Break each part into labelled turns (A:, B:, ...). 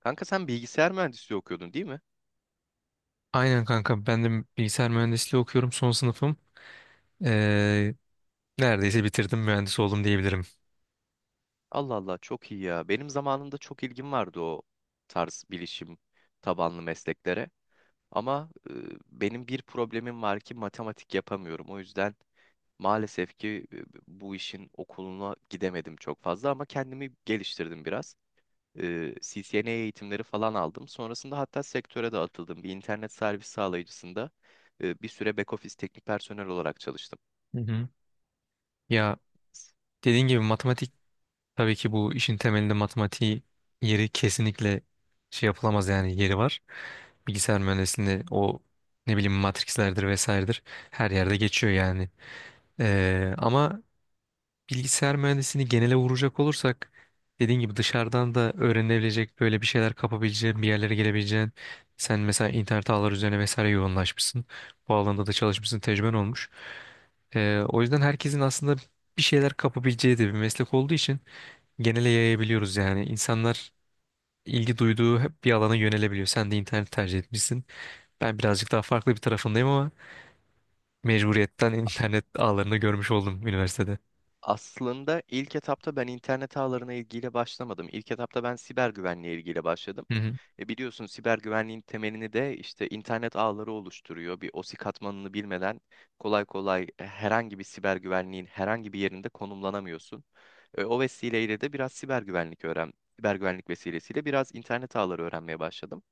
A: Kanka sen bilgisayar mühendisliği okuyordun değil mi?
B: Aynen kanka, ben de bilgisayar mühendisliği okuyorum, son sınıfım. Ee, Neredeyse bitirdim, mühendis oldum diyebilirim.
A: Allah Allah çok iyi ya. Benim zamanımda çok ilgim vardı o tarz bilişim tabanlı mesleklere. Ama benim bir problemim var ki matematik yapamıyorum. O yüzden maalesef ki bu işin okuluna gidemedim çok fazla ama kendimi geliştirdim biraz. CCNA eğitimleri falan aldım. Sonrasında hatta sektöre de atıldım. Bir internet servis sağlayıcısında bir süre back office teknik personel olarak çalıştım.
B: Hı hı. Ya, dediğin gibi matematik, tabii ki bu işin temelinde matematiği yeri kesinlikle şey yapılamaz, yani yeri var. Bilgisayar mühendisliğinde o, ne bileyim, matrislerdir vesairedir, her yerde geçiyor yani. Ama bilgisayar mühendisliğini genele vuracak olursak, dediğin gibi dışarıdan da öğrenebilecek, böyle bir şeyler kapabileceğin, bir yerlere gelebileceğin, sen mesela internet ağları üzerine vesaire yoğunlaşmışsın. Bu alanda da çalışmışsın, tecrüben olmuş. O yüzden herkesin aslında bir şeyler kapabileceği de bir meslek olduğu için genele yayabiliyoruz yani. İnsanlar ilgi duyduğu hep bir alana yönelebiliyor. Sen de internet tercih etmişsin. Ben birazcık daha farklı bir tarafındayım ama mecburiyetten internet ağlarını görmüş oldum üniversitede.
A: Aslında ilk etapta ben internet ağlarına ilgiyle başlamadım. İlk etapta ben siber güvenliğe ilgiyle başladım. E biliyorsun siber güvenliğin temelini de işte internet ağları oluşturuyor. Bir OSI katmanını bilmeden kolay kolay herhangi bir siber güvenliğin herhangi bir yerinde konumlanamıyorsun. O vesileyle de biraz siber güvenlik öğren, siber güvenlik vesilesiyle biraz internet ağları öğrenmeye başladım.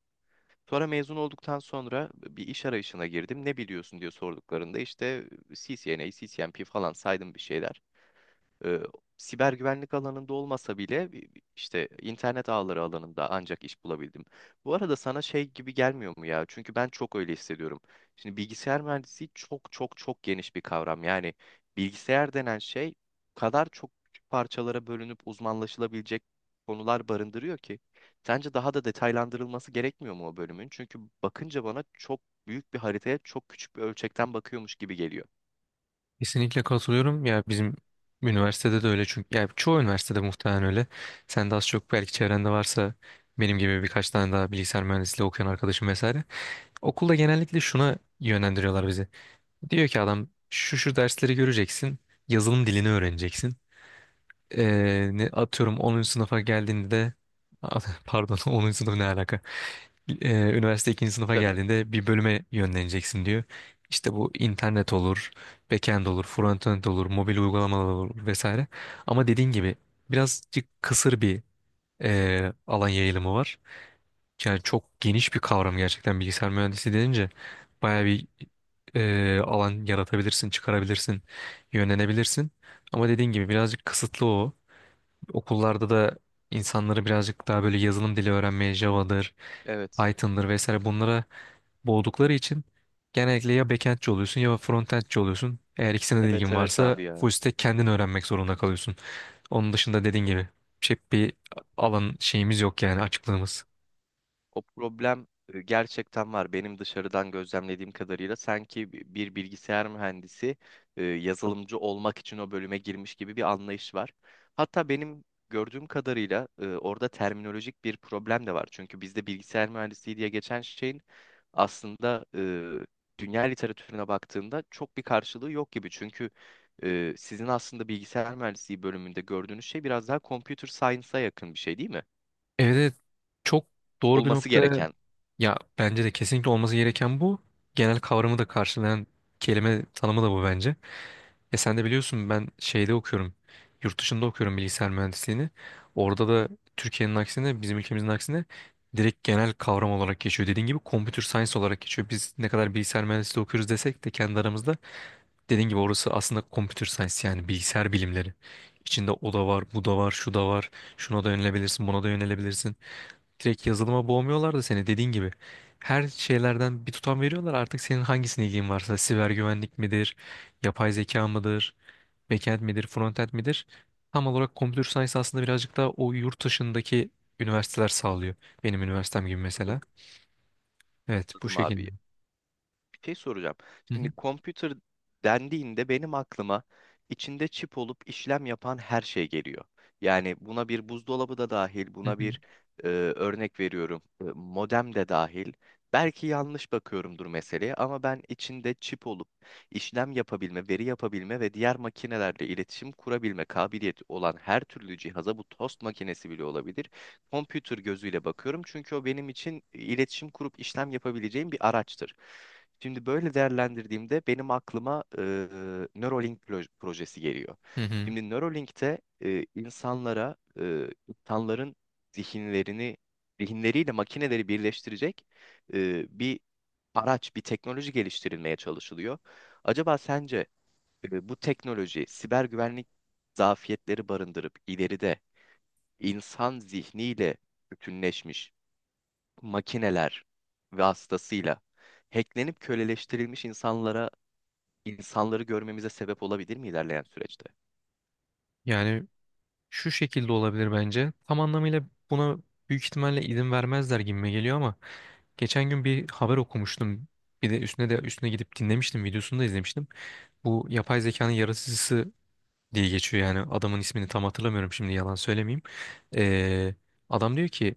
A: Sonra mezun olduktan sonra bir iş arayışına girdim. Ne biliyorsun diye sorduklarında işte CCNA, CCNP falan saydım bir şeyler e, siber güvenlik alanında olmasa bile işte internet ağları alanında ancak iş bulabildim. Bu arada sana şey gibi gelmiyor mu ya? Çünkü ben çok öyle hissediyorum. Şimdi bilgisayar mühendisliği çok çok çok geniş bir kavram. Yani bilgisayar denen şey o kadar çok küçük parçalara bölünüp uzmanlaşılabilecek konular barındırıyor ki. Sence daha da detaylandırılması gerekmiyor mu o bölümün? Çünkü bakınca bana çok büyük bir haritaya çok küçük bir ölçekten bakıyormuş gibi geliyor.
B: Kesinlikle katılıyorum. Ya bizim üniversitede de öyle, çünkü ya çoğu üniversitede muhtemelen öyle. Sen de az çok, belki çevrende varsa benim gibi birkaç tane daha bilgisayar mühendisliği okuyan arkadaşım vesaire. Okulda genellikle şuna yönlendiriyorlar bizi. Diyor ki adam, şu şu dersleri göreceksin, yazılım dilini öğreneceksin. Ne atıyorum 10. sınıfa geldiğinde de pardon, 10. sınıf ne alaka? Üniversite ikinci sınıfa
A: Tabii.
B: geldiğinde bir bölüme yönleneceksin diyor. İşte bu, internet olur, backend olur, frontend olur, mobil uygulamalar olur vesaire. Ama dediğin gibi birazcık kısır bir alan yayılımı var. Yani çok geniş bir kavram gerçekten, bilgisayar mühendisi denince baya bir alan yaratabilirsin, çıkarabilirsin, yönlenebilirsin. Ama dediğin gibi birazcık kısıtlı o. Okullarda da insanları birazcık daha böyle yazılım dili öğrenmeye Java'dır,
A: Evet.
B: Python'dır vesaire, bunlara boğdukları için genellikle ya backendçi oluyorsun ya frontendçi oluyorsun. Eğer ikisine de
A: Evet,
B: ilgin
A: evet, abi
B: varsa
A: ya.
B: full stack kendin öğrenmek zorunda kalıyorsun. Onun dışında dediğin gibi çok bir alan şeyimiz yok, yani açıklığımız.
A: O problem gerçekten var. Benim dışarıdan gözlemlediğim kadarıyla sanki bir bilgisayar mühendisi yazılımcı olmak için o bölüme girmiş gibi bir anlayış var. Hatta benim gördüğüm kadarıyla orada terminolojik bir problem de var. Çünkü bizde bilgisayar mühendisliği diye geçen şeyin aslında dünya literatürüne baktığında çok bir karşılığı yok gibi. Çünkü sizin aslında bilgisayar mühendisliği bölümünde gördüğünüz şey biraz daha computer science'a yakın bir şey değil mi?
B: Evet, evet, çok doğru bir
A: Olması
B: noktaya.
A: gereken.
B: Ya bence de kesinlikle olması gereken bu. Genel kavramı da karşılayan kelime tanımı da bu bence. E sen de biliyorsun, ben şeyde okuyorum. Yurt dışında okuyorum bilgisayar mühendisliğini. Orada da Türkiye'nin aksine, bizim ülkemizin aksine direkt genel kavram olarak geçiyor. Dediğin gibi computer science olarak geçiyor. Biz ne kadar bilgisayar mühendisliği okuyoruz desek de, kendi aramızda dediğin gibi, orası aslında computer science, yani bilgisayar bilimleri. İçinde o da var, bu da var, şu da var. Şuna da yönelebilirsin, buna da yönelebilirsin. Direkt yazılıma boğmuyorlar da seni, dediğin gibi. Her şeylerden bir tutam veriyorlar. Artık senin hangisine ilgin varsa, siber güvenlik midir, yapay zeka mıdır, backend midir, frontend midir? Tam olarak computer science aslında birazcık daha o yurt dışındaki üniversiteler sağlıyor. Benim üniversitem gibi
A: Anladım,
B: mesela. Evet, bu
A: anladım,
B: şekilde.
A: abi. Bir şey soracağım.
B: Hı
A: Şimdi
B: hı,
A: computer dendiğinde benim aklıma içinde çip olup işlem yapan her şey geliyor. Yani buna bir buzdolabı da dahil,
B: hı
A: buna
B: hı,
A: bir, örnek veriyorum, modem de dahil. Belki yanlış bakıyorumdur meseleye ama ben içinde çip olup işlem yapabilme, veri yapabilme ve diğer makinelerle iletişim kurabilme kabiliyeti olan her türlü cihaza, bu tost makinesi bile olabilir, computer gözüyle bakıyorum çünkü o benim için iletişim kurup işlem yapabileceğim bir araçtır. Şimdi böyle değerlendirdiğimde benim aklıma projesi geliyor.
B: hı hı.
A: Şimdi Neuralink'te insanlara, insanların zihinlerini, zihinleriyle makineleri birleştirecek bir araç, bir teknoloji geliştirilmeye çalışılıyor. Acaba sence bu teknoloji siber güvenlik zafiyetleri barındırıp ileride insan zihniyle bütünleşmiş makineler vasıtasıyla hacklenip köleleştirilmiş insanları görmemize sebep olabilir mi ilerleyen süreçte?
B: Yani şu şekilde olabilir bence. Tam anlamıyla buna büyük ihtimalle izin vermezler gibime geliyor, ama geçen gün bir haber okumuştum. Bir de üstüne de üstüne gidip dinlemiştim, videosunu da izlemiştim. Bu yapay zekanın yaratıcısı diye geçiyor yani, adamın ismini tam hatırlamıyorum şimdi, yalan söylemeyeyim. Ee, Adam diyor ki,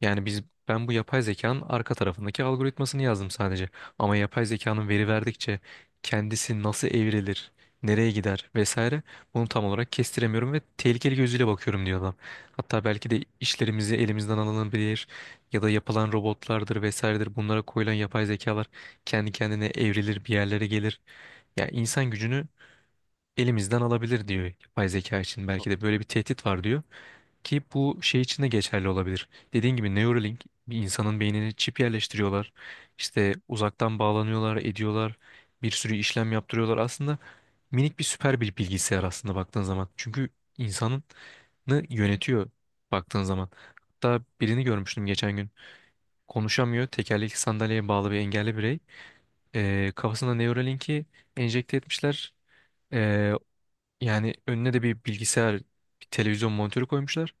B: yani biz, ben bu yapay zekanın arka tarafındaki algoritmasını yazdım sadece. Ama yapay zekanın veri verdikçe kendisi nasıl evrilir, nereye gider vesaire, bunu tam olarak kestiremiyorum ve tehlikeli gözüyle bakıyorum diyor adam. Hatta belki de işlerimizi elimizden alınabilir ya da yapılan robotlardır vesairedir, bunlara koyulan yapay zekalar kendi kendine evrilir, bir yerlere gelir. Yani insan gücünü elimizden alabilir diyor yapay zeka için. Belki de böyle bir tehdit var diyor, ki bu şey için de geçerli olabilir. Dediğin gibi Neuralink, bir insanın beynine çip yerleştiriyorlar. İşte uzaktan bağlanıyorlar, ediyorlar. Bir sürü işlem yaptırıyorlar. Aslında minik bir süper bir bilgisayar aslında, baktığın zaman. Çünkü insanını yönetiyor baktığın zaman. Hatta birini görmüştüm geçen gün. Konuşamıyor. Tekerlekli sandalyeye bağlı bir engelli birey. Kafasına Neuralink'i enjekte etmişler. Yani önüne de bir bilgisayar, bir televizyon monitörü koymuşlar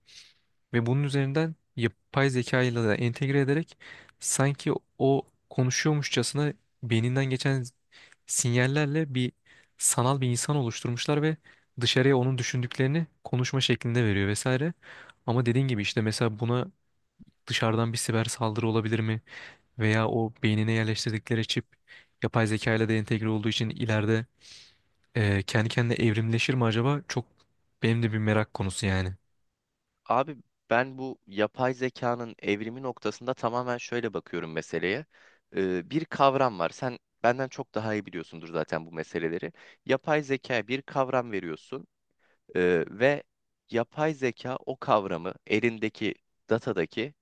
B: ve bunun üzerinden yapay zeka ile de entegre ederek sanki o konuşuyormuşçasına beyninden geçen sinyallerle bir sanal bir insan oluşturmuşlar ve dışarıya onun düşündüklerini konuşma şeklinde veriyor vesaire. Ama dediğin gibi, işte mesela buna dışarıdan bir siber saldırı olabilir mi? Veya o beynine yerleştirdikleri çip, yapay zeka ile de entegre olduğu için ileride kendi kendine evrimleşir mi acaba? Çok benim de bir merak konusu yani.
A: Abi, ben bu yapay zekanın evrimi noktasında tamamen şöyle bakıyorum meseleye. Bir kavram var. Sen benden çok daha iyi biliyorsundur zaten bu meseleleri. Yapay zekaya bir kavram veriyorsun. Ve yapay zeka o kavramı elindeki datadaki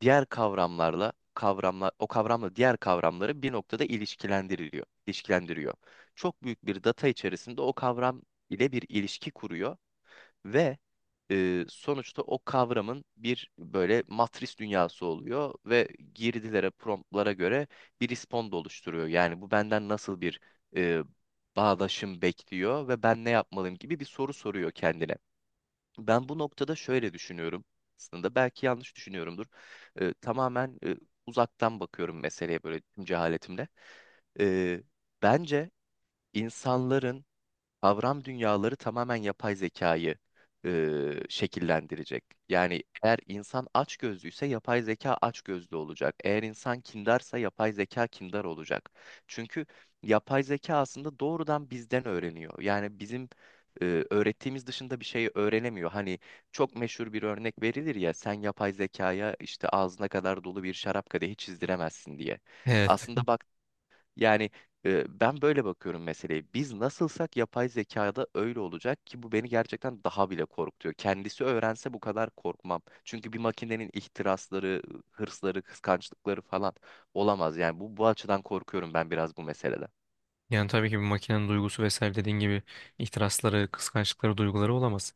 A: diğer kavramlarla kavramlar o kavramla diğer kavramları bir noktada ilişkilendiriyor. Çok büyük bir data içerisinde o kavram ile bir ilişki kuruyor ve sonuçta o kavramın bir böyle matris dünyası oluyor ve girdilere, promptlara göre bir respond oluşturuyor. Yani bu benden nasıl bir e, bağdaşım bekliyor ve ben ne yapmalıyım gibi bir soru soruyor kendine. Ben bu noktada şöyle düşünüyorum, aslında belki yanlış düşünüyorumdur. Tamamen uzaktan bakıyorum meseleye böyle tüm cehaletimle. Ee, Bence insanların kavram dünyaları tamamen yapay zekayı e, şekillendirecek. Yani eğer insan açgözlüyse yapay zeka açgözlü olacak. Eğer insan kindarsa yapay zeka kindar olacak. Çünkü yapay zeka aslında doğrudan bizden öğreniyor. Yani bizim öğrettiğimiz dışında bir şey öğrenemiyor. Hani çok meşhur bir örnek verilir ya, sen yapay zekaya işte ağzına kadar dolu bir şarap kadehi çizdiremezsin diye.
B: Evet.
A: Aslında yani ben böyle bakıyorum meseleye. Biz nasılsak yapay zekada öyle olacak ki bu beni gerçekten daha bile korkutuyor. Kendisi öğrense bu kadar korkmam. Çünkü bir makinenin ihtirasları, hırsları, kıskançlıkları falan olamaz. Yani bu açıdan korkuyorum ben biraz bu meseleden.
B: Yani tabii ki bir makinenin duygusu vesaire, dediğin gibi ihtirasları, kıskançlıkları, duyguları olamaz.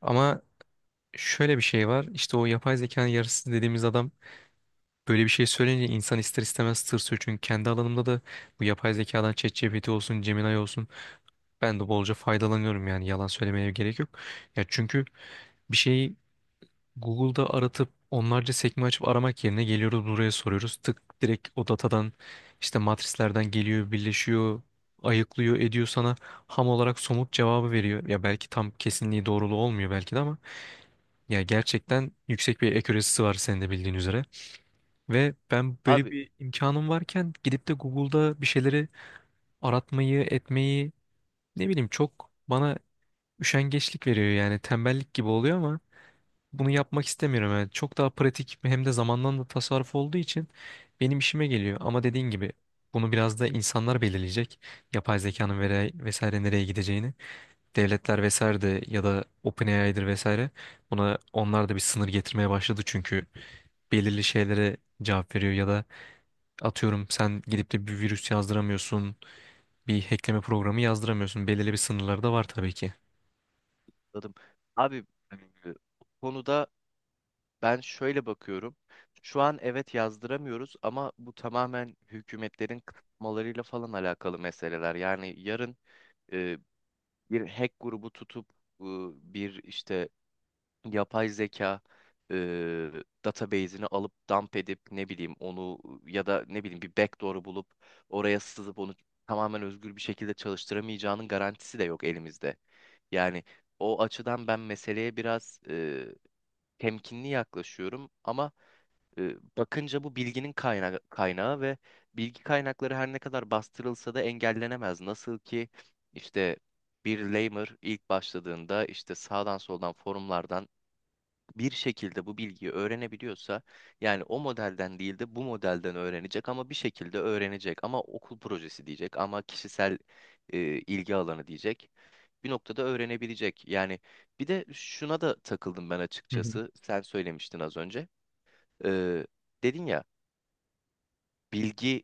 B: Ama şöyle bir şey var. İşte o yapay zekanın yarısı dediğimiz adam böyle bir şey söyleyince insan ister istemez tırsıyor. Çünkü kendi alanımda da bu yapay zekadan, ChatGPT olsun, Gemini olsun, ben de bolca faydalanıyorum, yani yalan söylemeye gerek yok. Ya çünkü bir şeyi Google'da aratıp onlarca sekme açıp aramak yerine geliyoruz buraya soruyoruz. Tık, direkt o datadan işte matrislerden geliyor, birleşiyor, ayıklıyor, ediyor, sana ham olarak somut cevabı veriyor. Ya, belki tam kesinliği doğruluğu olmuyor belki de, ama ya gerçekten yüksek bir accuracy'si var, senin de bildiğin üzere. Ve ben böyle
A: Abi,
B: bir imkanım varken gidip de Google'da bir şeyleri aratmayı, etmeyi, ne bileyim, çok bana üşengeçlik veriyor yani, tembellik gibi oluyor, ama bunu yapmak istemiyorum. Yani çok daha pratik, hem de zamandan da tasarruf olduğu için benim işime geliyor. Ama dediğin gibi bunu biraz da insanlar belirleyecek. Yapay zekanın vesaire nereye gideceğini. Devletler vesaire de, ya da OpenAI'dir vesaire. Buna onlar da bir sınır getirmeye başladı, çünkü belirli şeylere cevap veriyor ya da atıyorum, sen gidip de bir virüs yazdıramıyorsun, bir hackleme programı yazdıramıyorsun. Belirli bir sınırları da var tabii ki.
A: anladım. Abi, e, bu konuda ben şöyle bakıyorum. Şu an evet yazdıramıyoruz ama bu tamamen hükümetlerin kısıtlamalarıyla falan alakalı meseleler. Yani yarın bir hack grubu tutup bir işte yapay zeka database'ini alıp dump edip ne bileyim onu, ya da ne bileyim bir backdoor'u bulup oraya sızıp onu tamamen özgür bir şekilde çalıştıramayacağının garantisi de yok elimizde. Yani o açıdan ben meseleye biraz temkinli yaklaşıyorum ama bakınca bu bilginin kaynağı ve bilgi kaynakları her ne kadar bastırılsa da engellenemez. Nasıl ki işte bir lamer ilk başladığında işte sağdan soldan forumlardan bir şekilde bu bilgiyi öğrenebiliyorsa, yani o modelden değil de bu modelden öğrenecek ama bir şekilde öğrenecek, ama okul projesi diyecek, ama kişisel ilgi alanı diyecek, bir noktada öğrenebilecek. Yani bir de şuna da takıldım ben
B: Hı hı.
A: açıkçası, sen söylemiştin az önce. E, Dedin ya bilgiyi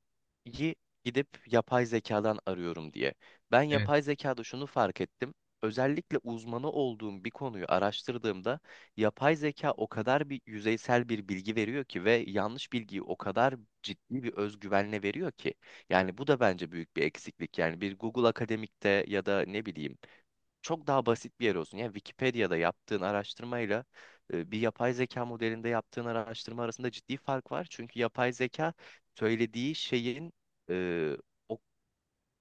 A: gidip yapay zekadan arıyorum diye. Ben yapay zekada şunu fark ettim. Özellikle uzmanı olduğum bir konuyu araştırdığımda yapay zeka o kadar bir yüzeysel bir bilgi veriyor ki, ve yanlış bilgiyi o kadar ciddi bir özgüvenle veriyor ki. Yani bu da bence büyük bir eksiklik. Yani bir Google Akademik'te ya da ne bileyim çok daha basit bir yer olsun. Yani Wikipedia'da yaptığın araştırmayla bir yapay zeka modelinde yaptığın araştırma arasında ciddi fark var. Çünkü yapay zeka söylediği şeyin e, o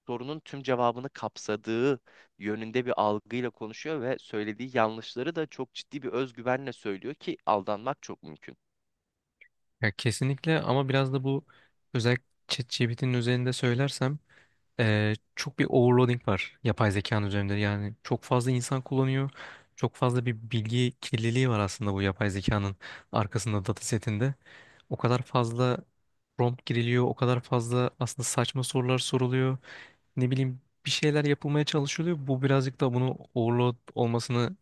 A: sorunun tüm cevabını kapsadığı yönünde bir algıyla konuşuyor ve söylediği yanlışları da çok ciddi bir özgüvenle söylüyor ki aldanmak çok mümkün.
B: Ya kesinlikle, ama biraz da bu özellikle ChatGPT'nin üzerinde söylersem çok bir overloading var yapay zekanın üzerinde. Yani çok fazla insan kullanıyor. Çok fazla bir bilgi kirliliği var aslında bu yapay zekanın arkasında, datasetinde. O kadar fazla prompt giriliyor, o kadar fazla aslında saçma sorular soruluyor. Ne bileyim, bir şeyler yapılmaya çalışılıyor. Bu birazcık da bunu overload olmasını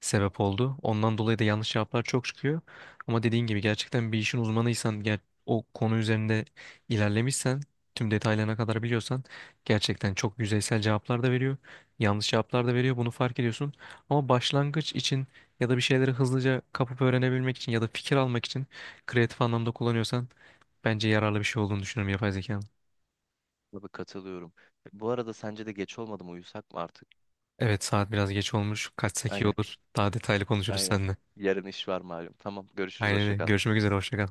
B: sebep oldu. Ondan dolayı da yanlış cevaplar çok çıkıyor. Ama dediğin gibi gerçekten bir işin uzmanıysan, o konu üzerinde ilerlemişsen, tüm detaylarına kadar biliyorsan, gerçekten çok yüzeysel cevaplar da veriyor. Yanlış cevaplar da veriyor. Bunu fark ediyorsun. Ama başlangıç için ya da bir şeyleri hızlıca kapıp öğrenebilmek için ya da fikir almak için, kreatif anlamda kullanıyorsan, bence yararlı bir şey olduğunu düşünüyorum yapay zekanın.
A: Tabii, katılıyorum. Bu arada sence de geç olmadı mı? Uyusak mı artık?
B: Evet, saat biraz geç olmuş. Kaçsak iyi
A: Aynen,
B: olur. Daha detaylı konuşuruz
A: aynen.
B: seninle.
A: Yarın iş var malum. Tamam, görüşürüz,
B: Aynen
A: hoşça
B: öyle.
A: kal.
B: Görüşmek üzere. Hoşça kal.